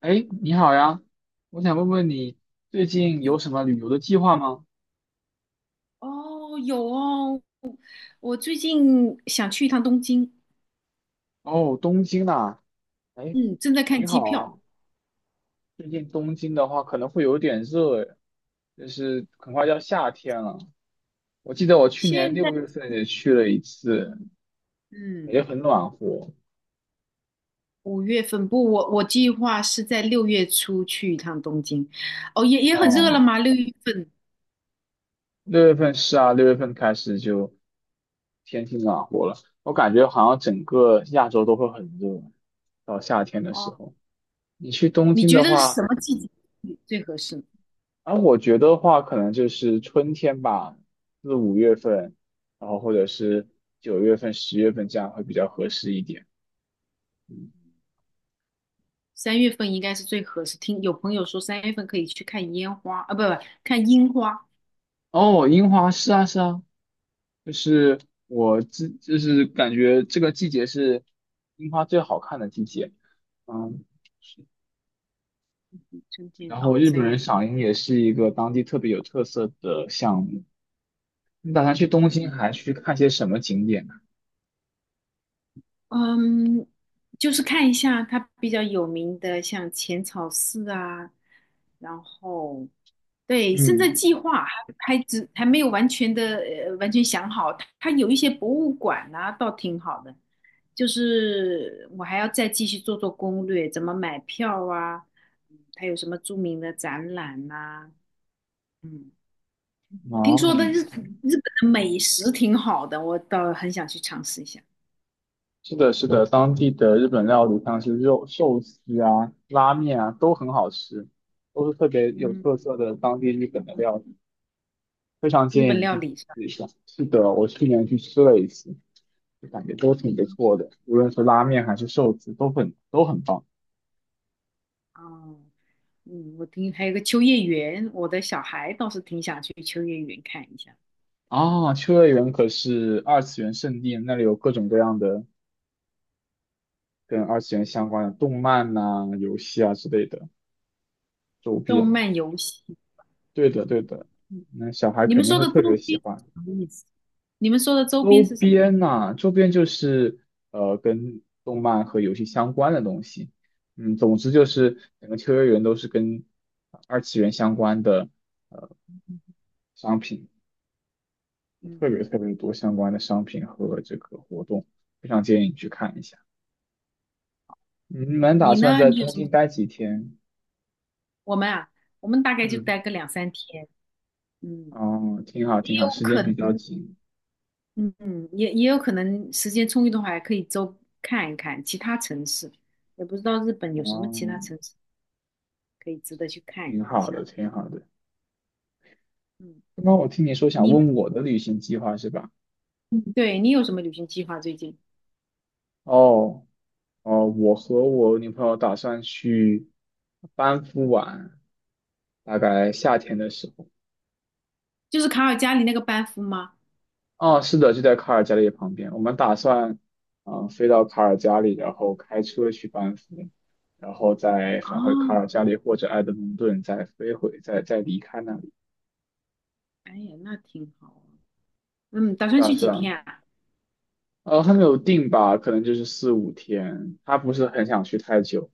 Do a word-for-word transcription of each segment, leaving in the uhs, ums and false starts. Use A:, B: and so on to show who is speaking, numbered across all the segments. A: 哎，你好呀，我想问问你最近有什么旅游的计划吗？
B: 哦，有哦，我最近想去一趟东京，
A: 哦，东京呐，哎，
B: 嗯正在看
A: 你
B: 机
A: 好啊。
B: 票。
A: 最近东京的话可能会有点热诶，就是很快就要夏天了。我记得我去年
B: 现在，
A: 六月份也去了一次，也
B: 嗯，
A: 很暖和。
B: 五月份不，我我计划是在六月初去一趟东京。哦，也也很热了
A: 哦，
B: 吗？六月份
A: 六月份是啊，六月份开始就天气暖和了。我感觉好像整个亚洲都会很热，到夏天的时
B: 哦，
A: 候。你去东
B: 你
A: 京
B: 觉
A: 的
B: 得什
A: 话。
B: 么季节去最合适呢？
A: 而我觉得话，可能就是春天吧，四五月份，然后或者是九月份、十月份这样会比较合适一点。嗯
B: 三月份应该是最合适。听有朋友说三月份可以去看烟花，啊，不不，看樱花。
A: 哦，樱花是啊是啊，就是我自就是感觉这个季节是樱花最好看的季节。嗯，
B: 春天
A: 然后
B: 啊，
A: 日本
B: 三月
A: 人
B: 份。
A: 赏樱也是一个当地特别有特色的项目。你打算
B: 嗯
A: 去东京
B: 哼，
A: 还去看些什么景点呢？
B: 嗯，就是看一下它比较有名的，像浅草寺啊，然后对，现在
A: 嗯，
B: 计划还还只还没有完全的呃完全想好，它它有一些博物馆啊，倒挺好的，就是我还要再继续做做攻略，怎么买票啊，嗯它有什么著名的展览呐、嗯，听说的
A: 哦。
B: 日日本的美食挺好的，我倒很想去尝试一下。
A: 是的，是的，当地的日本料理像是肉寿司啊、拉面啊，都很好吃，都是特别有
B: 嗯，
A: 特色的当地日本的料理，非常
B: 日
A: 建议
B: 本
A: 你
B: 料
A: 去尝
B: 理是吧？
A: 试一下。是的，我去年去吃了一次，就感觉都挺不错的，无论是拉面还是寿司，都很都很棒
B: 哦。嗯，我听还有个秋叶原，我的小孩倒是挺想去秋叶原看一下。
A: 啊！秋叶原可是二次元圣地，那里有各种各样的跟二次元相关的动漫呐、游戏啊之类的周
B: 动
A: 边。
B: 漫游戏，哦，
A: 对的，对的，那小孩
B: 你们
A: 肯定
B: 说
A: 会
B: 的
A: 特
B: 周
A: 别喜
B: 边
A: 欢。
B: 是什么意思？你们说的周
A: 周
B: 边是什么意思？
A: 边呐、周边就是呃跟动漫和游戏相关的东西。嗯，总之就是整个秋叶原都是跟二次元相关的呃商品，特别
B: 嗯，
A: 特别多相关的商品和这个活动，非常建议你去看一下。嗯你们打
B: 你
A: 算
B: 呢？
A: 在
B: 你有
A: 东
B: 什么？
A: 京待几天？
B: 我们啊，我们大概就
A: 嗯，
B: 待个两三天。嗯，
A: 哦，挺好
B: 也
A: 挺好，
B: 有
A: 时间
B: 可
A: 比较
B: 能，
A: 紧。
B: 嗯，嗯也也有可能时间充裕的话，还可以周看一看其他城市，也不知道日本有什么其
A: 哦，
B: 他城市可以值得去看
A: 挺
B: 一
A: 好的
B: 下。
A: 挺好的。
B: 嗯，
A: 刚刚我听你说想
B: 你。
A: 问我的旅行计划是吧？
B: 嗯，对，你有什么旅行计划最近？
A: 哦。哦，我和我女朋友打算去班夫玩，大概夏天的时候。
B: 就是卡尔加里那个班夫吗？
A: 哦，是的，就在卡尔加里旁边。我们打算，嗯、飞到卡尔加里，然后开车去班夫，然后再
B: 啊，
A: 返回卡尔加里或者埃德蒙顿，再飞回，再再离开那里。
B: 哎呀，那挺好啊。嗯，打算
A: 算了
B: 去几
A: 算了，
B: 天啊？
A: 呃，还没有定吧，可能就是四五天。他不是很想去太久，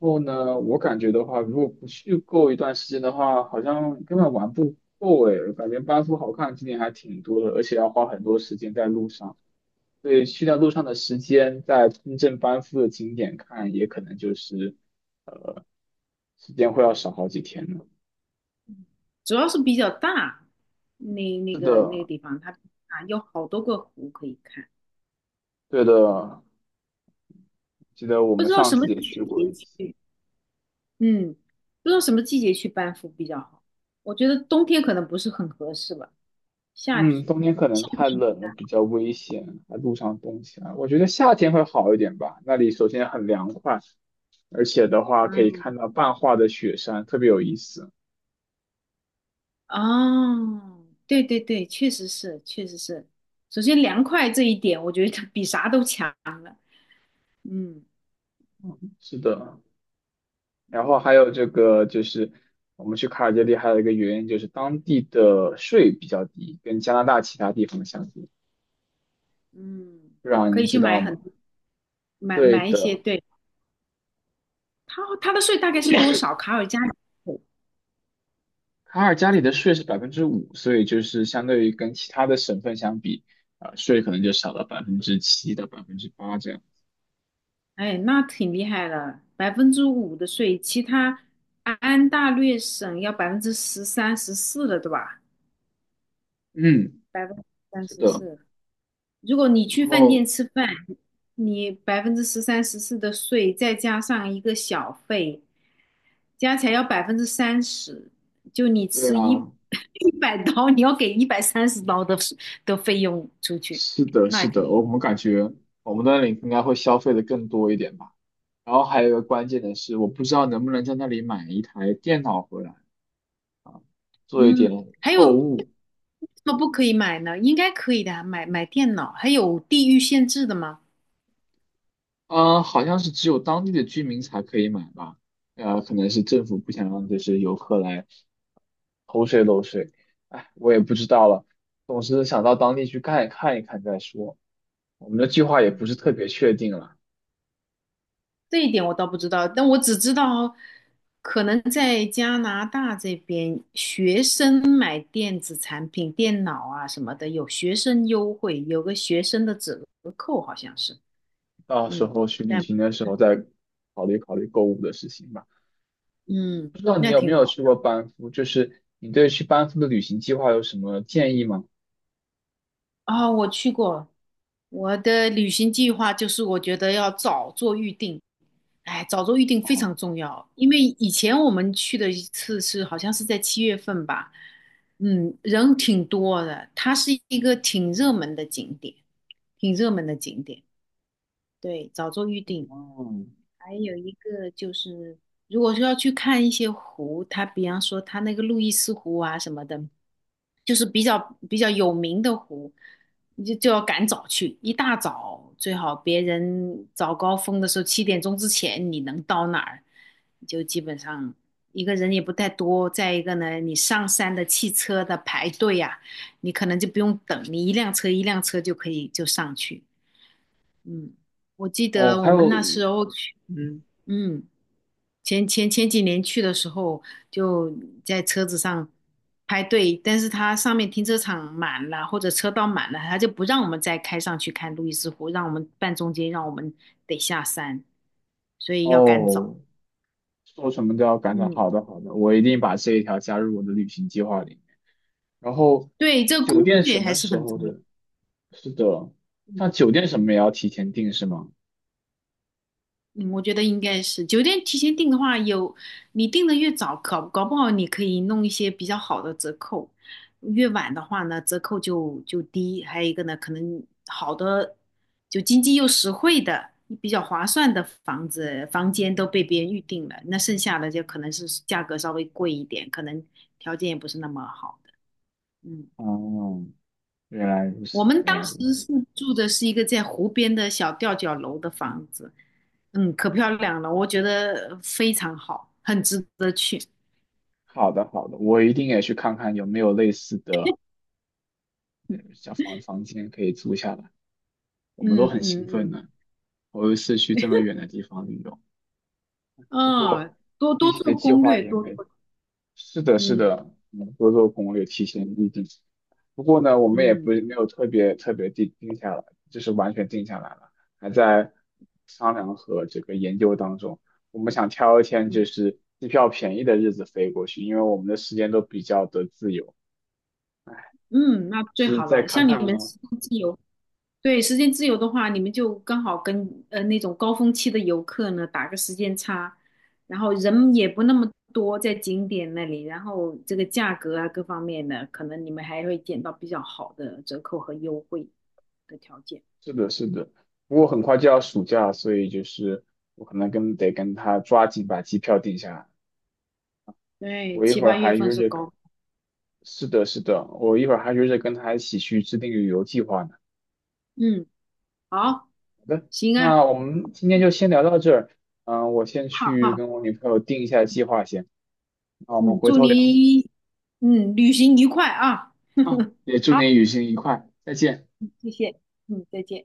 A: 后呢，我感觉的话，如果不去够一段时间的话，好像根本玩不够诶。感觉班夫好看的景点还挺多的，而且要花很多时间在路上。所以去掉路上的时间，在真正班夫的景点看，也可能就是呃，时间会要少好几天呢。
B: 主要是比较大，那那
A: 是
B: 个那个
A: 的，
B: 地方它啊有好多个湖可以看，
A: 对的，记得我
B: 不
A: 们
B: 知道
A: 上
B: 什
A: 次
B: 么
A: 也去过
B: 季
A: 一
B: 节
A: 次。
B: 去。嗯，不知道什么季节去班夫比较好。我觉得冬天可能不是很合适吧，夏天，
A: 嗯，冬天可能
B: 夏
A: 太
B: 天。
A: 冷了，比较危险，还路上冻起来。我觉得夏天会好一点吧，那里首先很凉快。而且的话可以看
B: 啊。
A: 到半化的雪山，特别有意思。
B: 哦，对对对，确实是，确实是。首先，凉快这一点，我觉得比啥都强了。嗯
A: 是的，然后还有这个就是我们去卡尔加里还有一个原因就是当地的税比较低，跟加拿大其他地方相比，
B: 嗯，
A: 不知道
B: 可
A: 您
B: 以
A: 知
B: 去
A: 道
B: 买
A: 吗？
B: 很买
A: 对
B: 买一些。
A: 的，
B: 对，他他的税大概是多少？卡尔加里税，
A: 卡尔加里的税是百分之五，所以就是相对于跟其他的省份相比，啊、税可能就少了百分之七到百分之八这样。
B: 哎，那挺厉害的，百分之五的税，其他安大略省要百分之十三、十四了，对吧？
A: 嗯，
B: 百分之三
A: 是
B: 十
A: 的，
B: 四，如果你
A: 然
B: 去饭店
A: 后
B: 吃饭，你百分之十三、十四的税，再加上一个小费，加起来要百分之三十。就你
A: 对
B: 吃一
A: 啊，
B: 一百刀，你要给一百三十刀的的费用出去，
A: 是的，
B: 那
A: 是
B: 也挺
A: 的，我
B: 多。
A: 们感觉我们的领应该会消费的更多一点吧。然后还有一个关键的是，我不知道能不能在那里买一台电脑回来做一
B: 嗯，
A: 点
B: 还
A: 购
B: 有为
A: 物。
B: 什么不可以买呢？应该可以的啊买买电脑，还有地域限制的吗？
A: 嗯，好像是只有当地的居民才可以买吧？呃，可能是政府不想让就是游客来偷税漏税。哎，我也不知道了。总是想到当地去看一看一看再说。我们的计划也不
B: 嗯
A: 是特别确定了，
B: 这一点我倒不知道，但我只知道，可能在加拿大这边，学生买电子产品、电脑啊什么的，有学生优惠，有个学生的折扣，好像是。
A: 到时
B: 嗯，
A: 候去旅
B: 但
A: 行的时候再考虑考虑购物的事情吧。
B: 嗯，
A: 不知道你
B: 那
A: 有没
B: 挺
A: 有
B: 好。
A: 去过班夫？就是你对去班夫的旅行计划有什么建议吗？
B: 哦，我去过，我的旅行计划就是我觉得要早做预定，哎，早做预定非
A: 哦，
B: 常重要，因为以前我们去的一次是好像是在七月份吧。嗯，人挺多的，它是一个挺热门的景点，挺热门的景点，对，早做预定。
A: 哦，
B: 还有一个就是，如果说要去看一些湖，它比方说它那个路易斯湖啊什么的，就是比较比较有名的湖，你就就要赶早去，一大早最好别人早高峰的时候七点钟之前你能到哪儿，就基本上一个人也不太多。再一个呢，你上山的汽车的排队呀、你可能就不用等，你一辆车一辆车就可以就上去。嗯，我记
A: 哦，
B: 得
A: 还
B: 我们
A: 有，
B: 那时候去，
A: 嗯，
B: 嗯。前前前几年去的时候，就在车子上排队，但是它上面停车场满了，或者车道满了，它就不让我们再开上去看路易斯湖，让我们半中间，让我们得下山，所以要赶早。
A: 哦，做什么都要赶早。
B: 嗯，
A: 好的，好的，我一定把这一条加入我的旅行计划里。然后，
B: 对，这个攻
A: 酒店什
B: 略还
A: 么
B: 是
A: 时
B: 很
A: 候
B: 重要。
A: 的？是的，
B: 嗯
A: 像酒店什么也
B: 嗯。
A: 要提前订是吗？
B: 嗯，我觉得应该是酒店提前订的话有，你订的越早，搞搞不好你可以弄一些比较好的折扣；越晚的话呢，折扣就就低。还有一个呢，可能好的就经济又实惠的、比较划算的房子房间都被别人预定了，那剩下的就可能是价格稍微贵一点，可能条件也不是那么好的。嗯
A: 哦，原来如
B: 我
A: 此，
B: 们
A: 原
B: 当
A: 来
B: 时
A: 如此。
B: 是住的是一个在湖边的小吊脚楼的房子，嗯，可漂亮了，我觉得非常好，很值得去。
A: 好的，好的，我一定也去看看有没有类似的呃小房房间可以租下来。我们都
B: 嗯
A: 很兴奋
B: 嗯
A: 呢，头一次去这么远的地方旅游。不
B: 嗯，嗯，
A: 过
B: 多
A: 具
B: 多
A: 体的
B: 做
A: 计
B: 攻
A: 划
B: 略，
A: 也
B: 多
A: 没
B: 做，
A: 是的，是
B: 嗯
A: 的，嗯多做攻略，提前预定。不过呢，我们也
B: 嗯
A: 不没有特别特别定定下来，就是完全定下来了，还在商量和这个研究当中。我们想挑一天就
B: 嗯
A: 是机票便宜的日子飞过去，因为我们的时间都比较的自由。
B: 嗯，那最
A: 是
B: 好
A: 再
B: 了。
A: 看
B: 像你
A: 看
B: 们
A: 呢？
B: 时间自由，对，时间自由的话，你们就刚好跟呃那种高峰期的游客呢打个时间差，然后人也不那么多在景点那里，然后这个价格啊各方面的，可能你们还会捡到比较好的折扣和优惠的条件。
A: 是的，是的。不过很快就要暑假，所以就是我可能跟得跟他抓紧把机票定下来。
B: 对，
A: 我一
B: 七
A: 会儿
B: 八
A: 还
B: 月份
A: 约
B: 是
A: 着。
B: 高，
A: 是的，是的，我一会儿还约着跟他一起去制定旅游计划呢。
B: 嗯，好，
A: 好的，
B: 行啊，
A: 那我们今天就先聊到这儿。嗯、我先
B: 好
A: 去
B: 好，
A: 跟我女朋友定一下计划先，那我们
B: 嗯，
A: 回
B: 祝
A: 头聊
B: 你嗯旅行愉快啊，
A: 啊。也祝
B: 好，
A: 你旅行愉快，再见。
B: 谢谢，嗯，再见。